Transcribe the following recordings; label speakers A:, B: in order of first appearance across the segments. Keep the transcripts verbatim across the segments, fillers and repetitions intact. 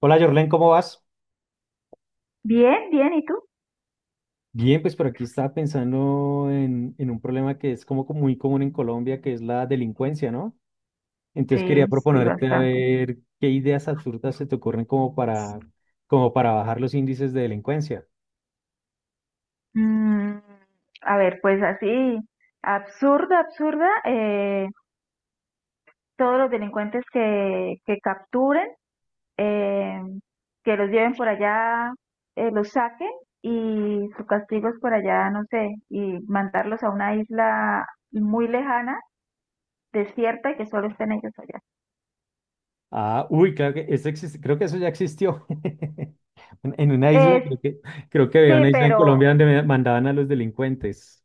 A: Hola, Jorlen, ¿cómo vas?
B: Bien, bien, ¿y tú?
A: Bien, pues por aquí estaba pensando en, en un problema que es como co- muy común en Colombia, que es la delincuencia, ¿no? Entonces quería
B: Sí, sí,
A: proponerte a
B: bastante.
A: ver qué ideas absurdas se te ocurren como para, como para bajar los índices de delincuencia.
B: Mm, a ver, pues así, absurda, absurda, eh, todos los delincuentes que, que capturen, eh, que los lleven por allá, eh, los saquen y su castigo es por allá, no sé, y mandarlos a una isla muy lejana, desierta y que solo estén ellos allá.
A: Ah, uy, claro que eso existe, creo que eso ya existió. En en una isla, creo
B: Eh,
A: que, creo que había
B: sí,
A: una isla en Colombia
B: pero
A: donde me- mandaban a los delincuentes.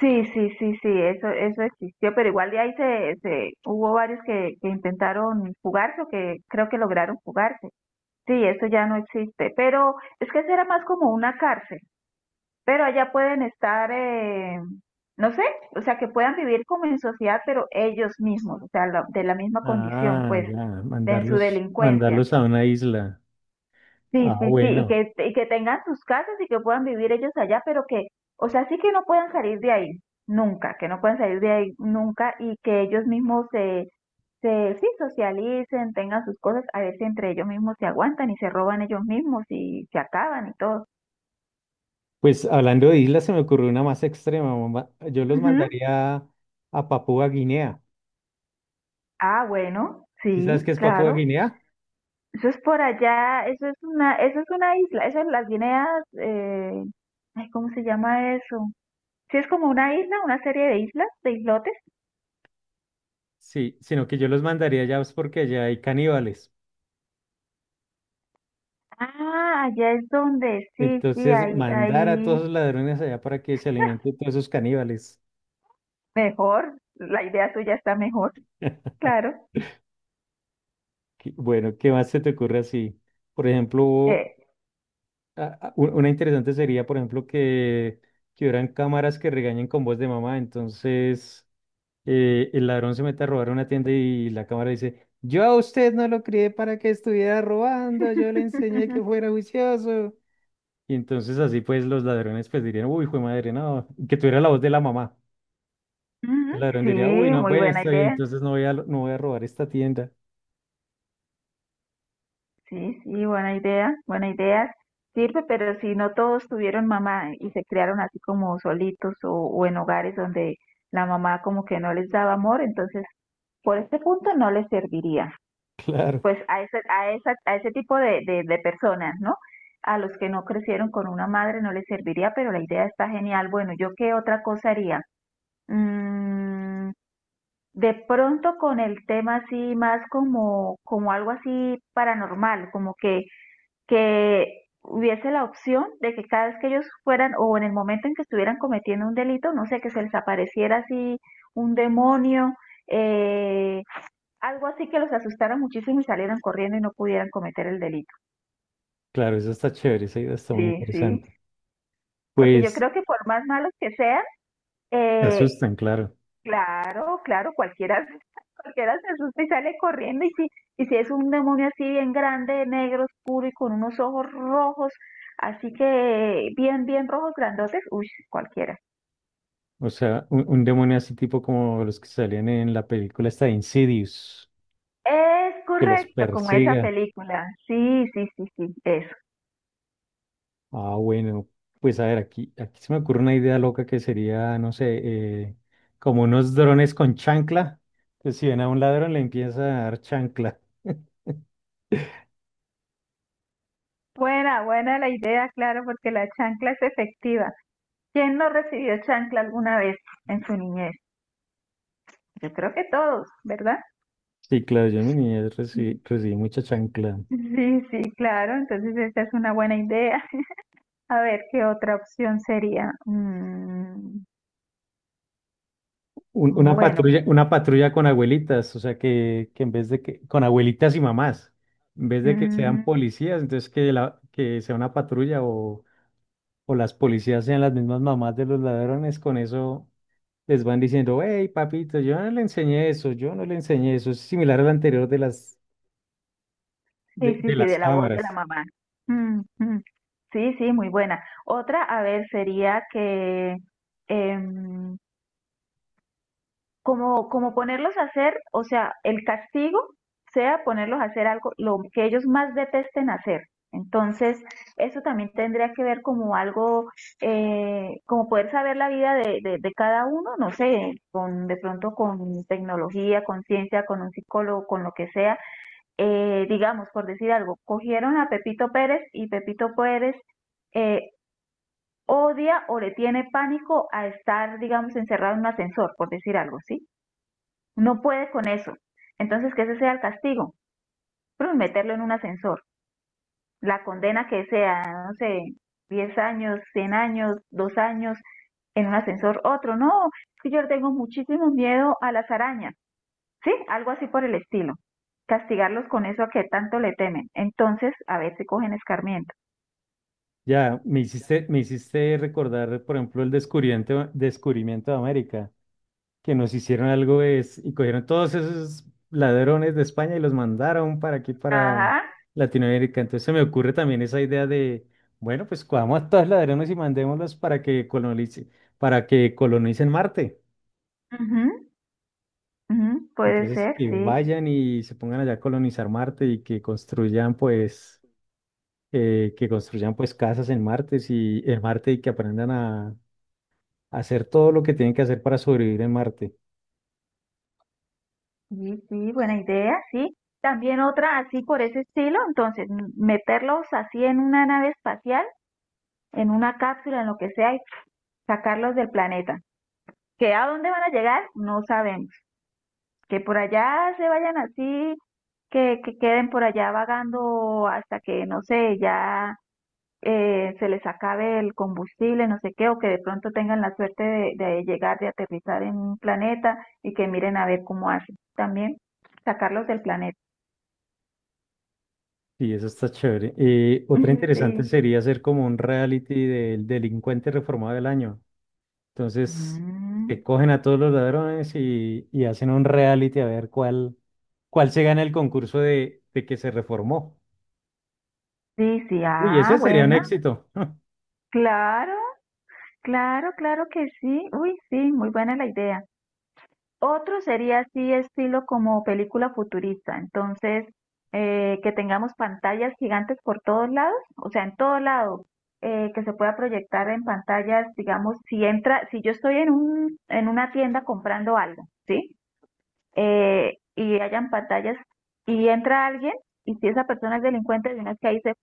B: sí, sí, sí, sí, eso, eso existió, pero igual de ahí se, se hubo varios que, que intentaron jugarse o que creo que lograron jugarse. Sí, eso ya no existe, pero es que eso era más como una cárcel, pero allá pueden estar, eh, no sé, o sea, que puedan vivir como en sociedad, pero ellos mismos, o sea, la- de la misma condición,
A: Ah,
B: pues,
A: ya,
B: en su
A: mandarlos,
B: delincuencia.
A: mandarlos a una isla.
B: Sí,
A: Ah,
B: sí, sí, y
A: bueno.
B: que, y que tengan sus casas y que puedan vivir ellos allá, pero que, o sea, sí que no puedan salir de ahí, nunca, que no puedan salir de ahí nunca y que ellos mismos se, se, sí, socialicen, tengan sus cosas, a ver si entre ellos mismos se aguantan y se roban ellos mismos y se acaban y todo.
A: Pues hablando de islas, se me ocurrió una más extrema, mamá. Yo los
B: Ujú.
A: mandaría a Papúa Guinea.
B: Ah, bueno,
A: ¿Sí
B: sí,
A: sabes qué es Papúa
B: claro.
A: Guinea?
B: Eso es por allá, eso es una, eso es una isla, eso es las Guineas, eh, ay, ¿cómo se llama eso? Sí, es como una isla, una serie de islas, de islotes.
A: Sí, sino que yo los mandaría allá es porque allá hay caníbales.
B: Ah, allá es donde, sí, sí,
A: Entonces,
B: ahí,
A: mandar a todos
B: ahí,
A: los ladrones allá para que se
B: ah,
A: alimenten todos esos caníbales.
B: mejor, la idea tuya está mejor, claro.
A: Qué- Bueno, ¿qué más se te ocurre así? Por ejemplo,
B: Eh.
A: a- a- u- una interesante sería, por ejemplo, que, que hubieran cámaras que regañen con voz de mamá. Entonces, eh, el ladrón se mete a robar una tienda y la cámara dice, yo a usted no lo crié para que estuviera robando, yo le enseñé que fuera juicioso. Y entonces así pues los ladrones pues dirían, uy, fue madre, no, que tuviera la voz de la mamá.
B: Ujú,
A: El ladrón
B: sí,
A: diría, uy, no,
B: muy
A: bueno,
B: buena
A: está bien,
B: idea,
A: entonces no voy a, no voy a robar esta tienda.
B: sí, sí, buena idea, buena idea. Sirve, pero si no todos tuvieron mamá y se criaron así como solitos o, o en hogares donde la mamá como que no les daba amor, entonces por este punto no les serviría.
A: Claro,
B: Pues a ese, a esa, a ese tipo de, de, de personas, ¿no? A los que no crecieron con una madre no les serviría, pero la idea está genial. Bueno, ¿yo qué otra cosa haría? Mm, de pronto con el tema así más como, como algo así paranormal, como que, que hubiese la opción de que cada vez que ellos fueran o en el momento en que estuvieran cometiendo un delito, no sé, que se les apareciera así un demonio, eh, algo así que los asustaron muchísimo y salieron corriendo y no pudieran cometer el delito.
A: claro, eso está chévere, esa idea está muy
B: Sí, sí.
A: interesante.
B: Porque yo
A: Pues
B: creo que por más malos que sean,
A: te
B: eh,
A: asustan, claro.
B: claro, claro, cualquiera, cualquiera se asusta y sale corriendo. Y si, y si es un demonio así bien grande, negro, oscuro y con unos ojos rojos, así que bien, bien rojos, grandotes, uy, cualquiera.
A: O sea, un, un demonio así tipo como los que salían en la película esta de Insidious,
B: Es
A: que los
B: correcto, como esa
A: persiga.
B: película. Sí, sí, sí, sí, eso.
A: Ah, bueno, pues a ver, aquí, aquí se me ocurre una idea loca que sería, no sé, eh, como unos drones con chancla. Pues si ven a un ladrón le empieza a dar chancla.
B: Buena, buena la idea, claro, porque la chancla es efectiva. ¿Quién no recibió chancla alguna vez en su niñez? Yo creo que todos, ¿verdad?
A: Sí, claro, yo en mi niñez recibí, recibí mucha chancla.
B: Sí, sí, claro. Entonces esa es una buena idea. A ver, ¿qué otra opción sería? Mm,
A: Un- una
B: bueno,
A: patrulla, una patrulla con abuelitas, o sea que, que en vez de que, con abuelitas y mamás, en vez de que sean
B: mm,
A: policías, entonces que, la, que sea una patrulla o, o las policías sean las mismas mamás de los ladrones, con eso les van diciendo, hey, papito, yo no le enseñé eso, yo no le enseñé eso. Es similar al anterior de las,
B: sí,
A: de,
B: sí,
A: de
B: sí,
A: las
B: de la voz de la
A: cámaras.
B: mamá. Mm, mm. Sí, sí, muy buena. Otra, a ver, sería que em, como, como ponerlos a hacer, o sea, el castigo sea ponerlos a hacer algo, lo que ellos más detesten hacer. Entonces, eso también tendría que ver como algo, eh, como poder saber la vida de, de, de cada uno, no sé, con, de pronto con tecnología, con ciencia, con un psicólogo, con lo que sea. Eh, digamos, por decir algo, cogieron a Pepito Pérez y Pepito Pérez eh, odia o le tiene pánico a estar, digamos, encerrado en un ascensor, por decir algo, ¿sí? No puede con eso. Entonces, que ese sea el castigo. Pero meterlo en un ascensor. La condena que sea, no sé, diez años, cien años, dos años, en un ascensor, otro. No, que yo tengo muchísimo miedo a las arañas. Sí, algo así por el estilo. Castigarlos con eso a que tanto le temen. Entonces, a ver si cogen escarmiento.
A: Ya, me hiciste, me hiciste recordar, por ejemplo, el descubrimiento, descubrimiento de América, que nos hicieron algo es, y cogieron todos esos ladrones de España y los mandaron para aquí, para
B: Ajá.
A: Latinoamérica. Entonces se me ocurre también esa idea de, bueno, pues cojamos a todos los ladrones y mandémoslos para que colonice, para que colonicen Marte.
B: Ujú, ujú, puede
A: Entonces,
B: ser,
A: que
B: sí.
A: vayan y se pongan allá a colonizar Marte y que construyan, pues, eh, que construyan, pues, casas en Marte y en Marte y que aprendan a, a hacer todo lo que tienen que hacer para sobrevivir en Marte.
B: Sí, sí, buena idea, sí. También otra así por ese estilo, entonces m- meterlos así en una nave espacial, en una cápsula, en lo que sea, y sacarlos del planeta. ¿Que a dónde van a llegar? No sabemos. Que por allá se vayan así, que, que queden por allá vagando hasta que, no sé, ya eh, se les acabe el combustible, no sé qué, o que de pronto tengan la suerte de, de llegar, de aterrizar en un planeta y que miren a ver cómo hacen. También sacarlos del planeta.
A: Y eso está chévere. Eh, otra interesante
B: Sí.
A: sería hacer como un reality del delincuente reformado del año. Entonces,
B: Mm,
A: que cogen a todos los ladrones y, y hacen un reality a ver cuál, cuál se gana el concurso de, de que se reformó.
B: sí, sí,
A: Uy,
B: ah,
A: ese sería un
B: buena.
A: éxito.
B: Claro, claro, claro que sí. Uy, sí, muy buena la idea. Otro sería así, estilo como película futurista. Entonces, eh, que tengamos pantallas gigantes por todos lados, o sea, en todo lado, eh, que se pueda proyectar en pantallas, digamos, si entra, si yo estoy en un, en una tienda comprando algo, ¿sí? Eh, y hayan pantallas y entra alguien y si esa persona es delincuente, de una vez que ahí se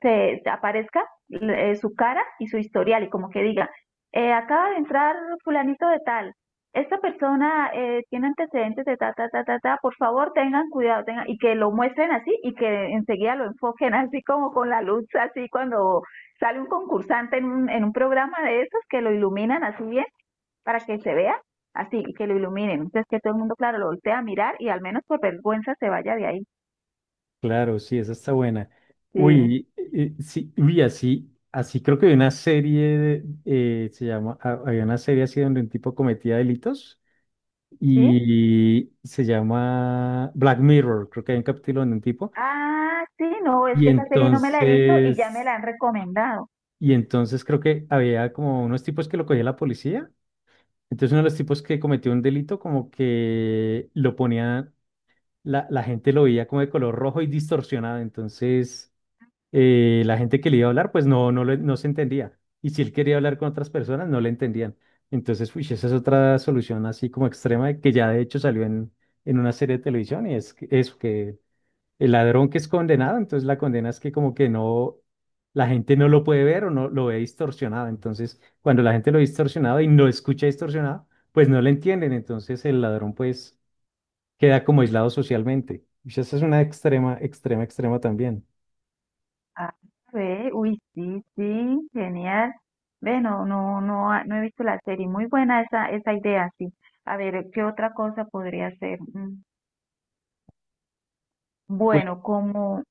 B: te, te aparezca eh, su cara y su historial y como que diga, eh, acaba de entrar fulanito de tal, esta persona eh, tiene antecedentes de ta, ta, ta, ta, ta, por favor tengan cuidado, tengan, y que lo muestren así y que enseguida lo enfoquen así como con la luz, así cuando sale un concursante en un, en un programa de esos que lo iluminan así bien para que se vea así y que lo iluminen. Entonces que todo el mundo, claro, lo voltea a mirar y al menos por vergüenza se vaya de ahí.
A: Claro, sí, esa está buena.
B: Sí,
A: Uy, eh, eh, sí, uy, así, así creo que hay una serie, de, eh, se llama, ha- había una serie así donde un tipo cometía delitos
B: sí.
A: y se llama Black Mirror, creo que hay un capítulo donde un tipo,
B: Ah, sí, no, es
A: y
B: que esa serie no me la he visto y ya me
A: entonces,
B: la han recomendado.
A: y entonces creo que había como unos tipos que lo cogía la policía, entonces uno de los tipos que cometió un delito como que lo ponía, la, la gente lo veía como de color rojo y distorsionado, entonces eh, la gente que le iba a hablar, pues no, no, le- no se entendía. Y si él quería hablar con otras personas, no le entendían. Entonces, uy, esa es otra solución así como extrema que ya de hecho salió en, en una serie de televisión y es que- eso, que el ladrón que es condenado, entonces la condena es que como que no, la gente no lo puede ver o no lo ve distorsionado. Entonces, cuando la gente lo ve distorsionado y no escucha distorsionado, pues no le entienden. Entonces, el ladrón pues queda como aislado socialmente. Uy, esa es una extrema, extrema, extrema también.
B: Ah, ve, uy, sí, sí, genial. Ve, no, no, no, ha- no he visto la serie. Muy buena esa, esa idea, sí. A ver, ¿qué otra cosa podría ser? Mm, Bueno, como,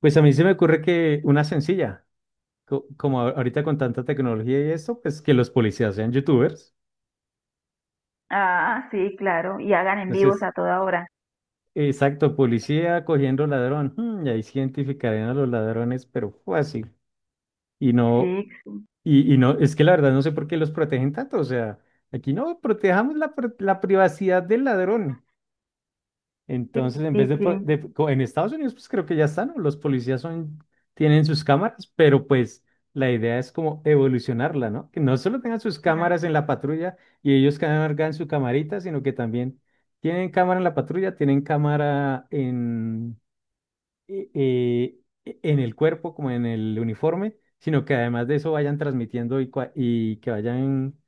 A: Pues a mí se me ocurre que una sencilla, co- como a- ahorita con tanta tecnología y eso, pues que los policías sean youtubers.
B: ah, sí, claro, y hagan en vivos
A: Entonces,
B: a toda hora.
A: exacto, policía cogiendo ladrón. mm, y ahí sí identificarían a los ladrones, pero fácil. Y no,
B: Sí,
A: y, y no, es que la verdad no sé por qué los protegen tanto. O sea, aquí no, protejamos la, pri- la privacidad del ladrón.
B: sí,
A: Entonces, en
B: sí,
A: vez de, po-
B: sí.
A: de- co- en Estados Unidos, pues creo que ya están, ¿no? Los policías son, tienen sus cámaras, pero pues la idea es como evolucionarla, ¿no? Que no solo tengan sus
B: Ujú.
A: cámaras en la patrulla y ellos cargan su camarita, sino que también tienen cámara en la patrulla, tienen cámara eh, eh, en el cuerpo, como en el uniforme, sino que además de eso vayan transmitiendo y, cua- y que vayan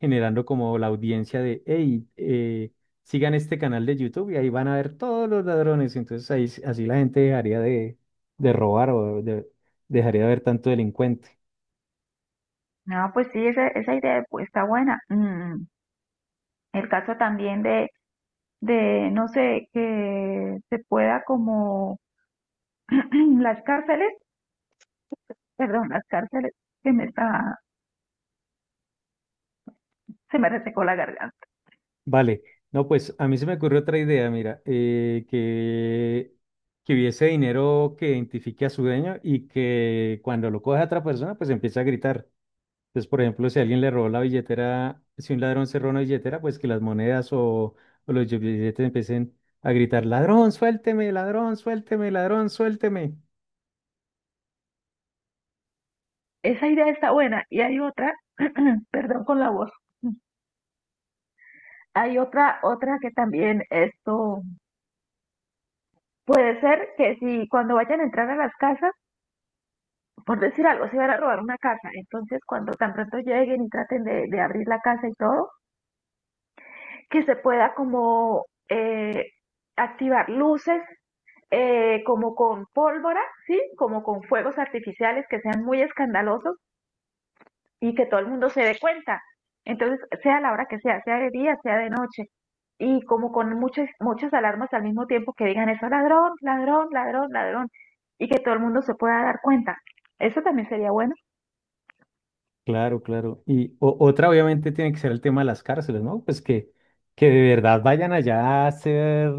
A: generando como la audiencia de, hey, eh, sigan este canal de YouTube y ahí van a ver todos los ladrones. Entonces ahí, s- así la gente dejaría de, de robar o de- dejaría de ver tanto delincuente.
B: No, pues sí, esa, esa idea pues, está buena. Mm, El caso también de, de, no sé, que se pueda como las cárceles, perdón, las cárceles, que me está, se me resecó la garganta.
A: Vale, no, pues a mí se me ocurrió otra idea, mira, eh, que... que hubiese dinero que identifique a su dueño y que cuando lo coge a otra persona, pues empiece a gritar. Entonces, por ejemplo, si alguien le robó la billetera, si un ladrón se roba una billetera, pues que las monedas o, o los billetes empiecen a gritar, ladrón, suélteme, ladrón, suélteme, ladrón, suélteme.
B: Esa idea está buena. Y hay otra, perdón con la voz, hay otra, otra que también esto puede ser que si cuando vayan a entrar a las casas, por decir algo, se van a robar una casa, entonces cuando tan pronto lleguen y traten de, de abrir la casa y todo, que se pueda como eh, activar luces eh, como con pólvora, ¿sí? Como con fuegos artificiales que sean muy escandalosos y que todo el mundo se dé cuenta. Entonces, sea la hora que sea, sea de día, sea de noche, y como con muchas, muchas alarmas al mismo tiempo que digan eso, ladrón, ladrón, ladrón, ladrón, y que todo el mundo se pueda dar cuenta. Eso también sería bueno.
A: Claro, claro. Y o- otra obviamente tiene que ser el tema de las cárceles, ¿no? Pues que, que de verdad vayan allá a ser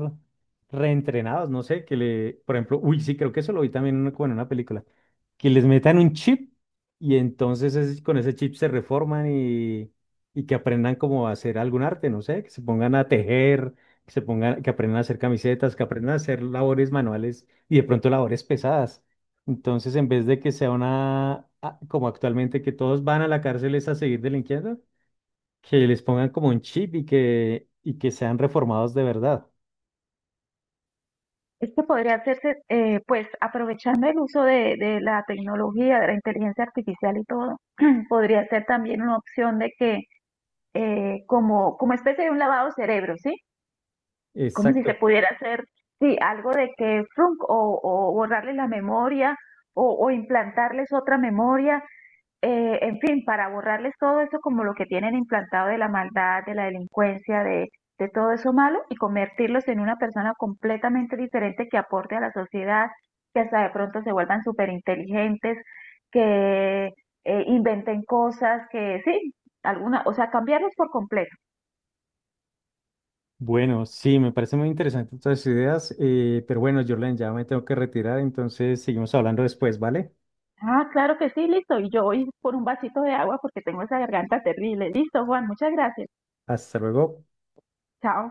A: reentrenados, no sé, que le, por ejemplo, uy, sí, creo que eso lo vi también en una- como en una película, que les metan un chip y entonces es- con ese chip se reforman y, y que aprendan como a hacer algún arte, no sé, que se pongan a tejer, que se pongan, que aprendan a hacer camisetas, que aprendan a hacer labores manuales y de pronto labores pesadas. Entonces, en vez de que sea una, ah, como actualmente, que todos van a la cárcel es a seguir delinquiendo, que les pongan como un chip y que, y que sean reformados de verdad.
B: Esto podría hacerse, eh, pues, aprovechando el uso de, de la tecnología, de la inteligencia artificial y todo, podría ser también una opción de que, eh, como, como especie de un lavado de cerebro, ¿sí? Como si se
A: Exacto.
B: pudiera hacer, sí, algo de que frunk, o, o borrarles la memoria o, o implantarles otra memoria, eh, en fin, para borrarles todo eso como lo que tienen implantado de la maldad, de la delincuencia, de, de todo eso malo y convertirlos en una persona completamente diferente que aporte a la sociedad, que hasta de pronto se vuelvan súper inteligentes, que eh, inventen cosas, que sí, alguna, o sea, cambiarlos por completo.
A: Bueno, sí, me parece muy interesante todas tus ideas, eh, pero bueno, Jorlen, ya me tengo que retirar, entonces seguimos hablando después, ¿vale?
B: Ah, claro que sí, listo. Y yo voy por un vasito de agua porque tengo esa garganta terrible. Listo, Juan, muchas gracias.
A: Hasta luego.
B: Chao.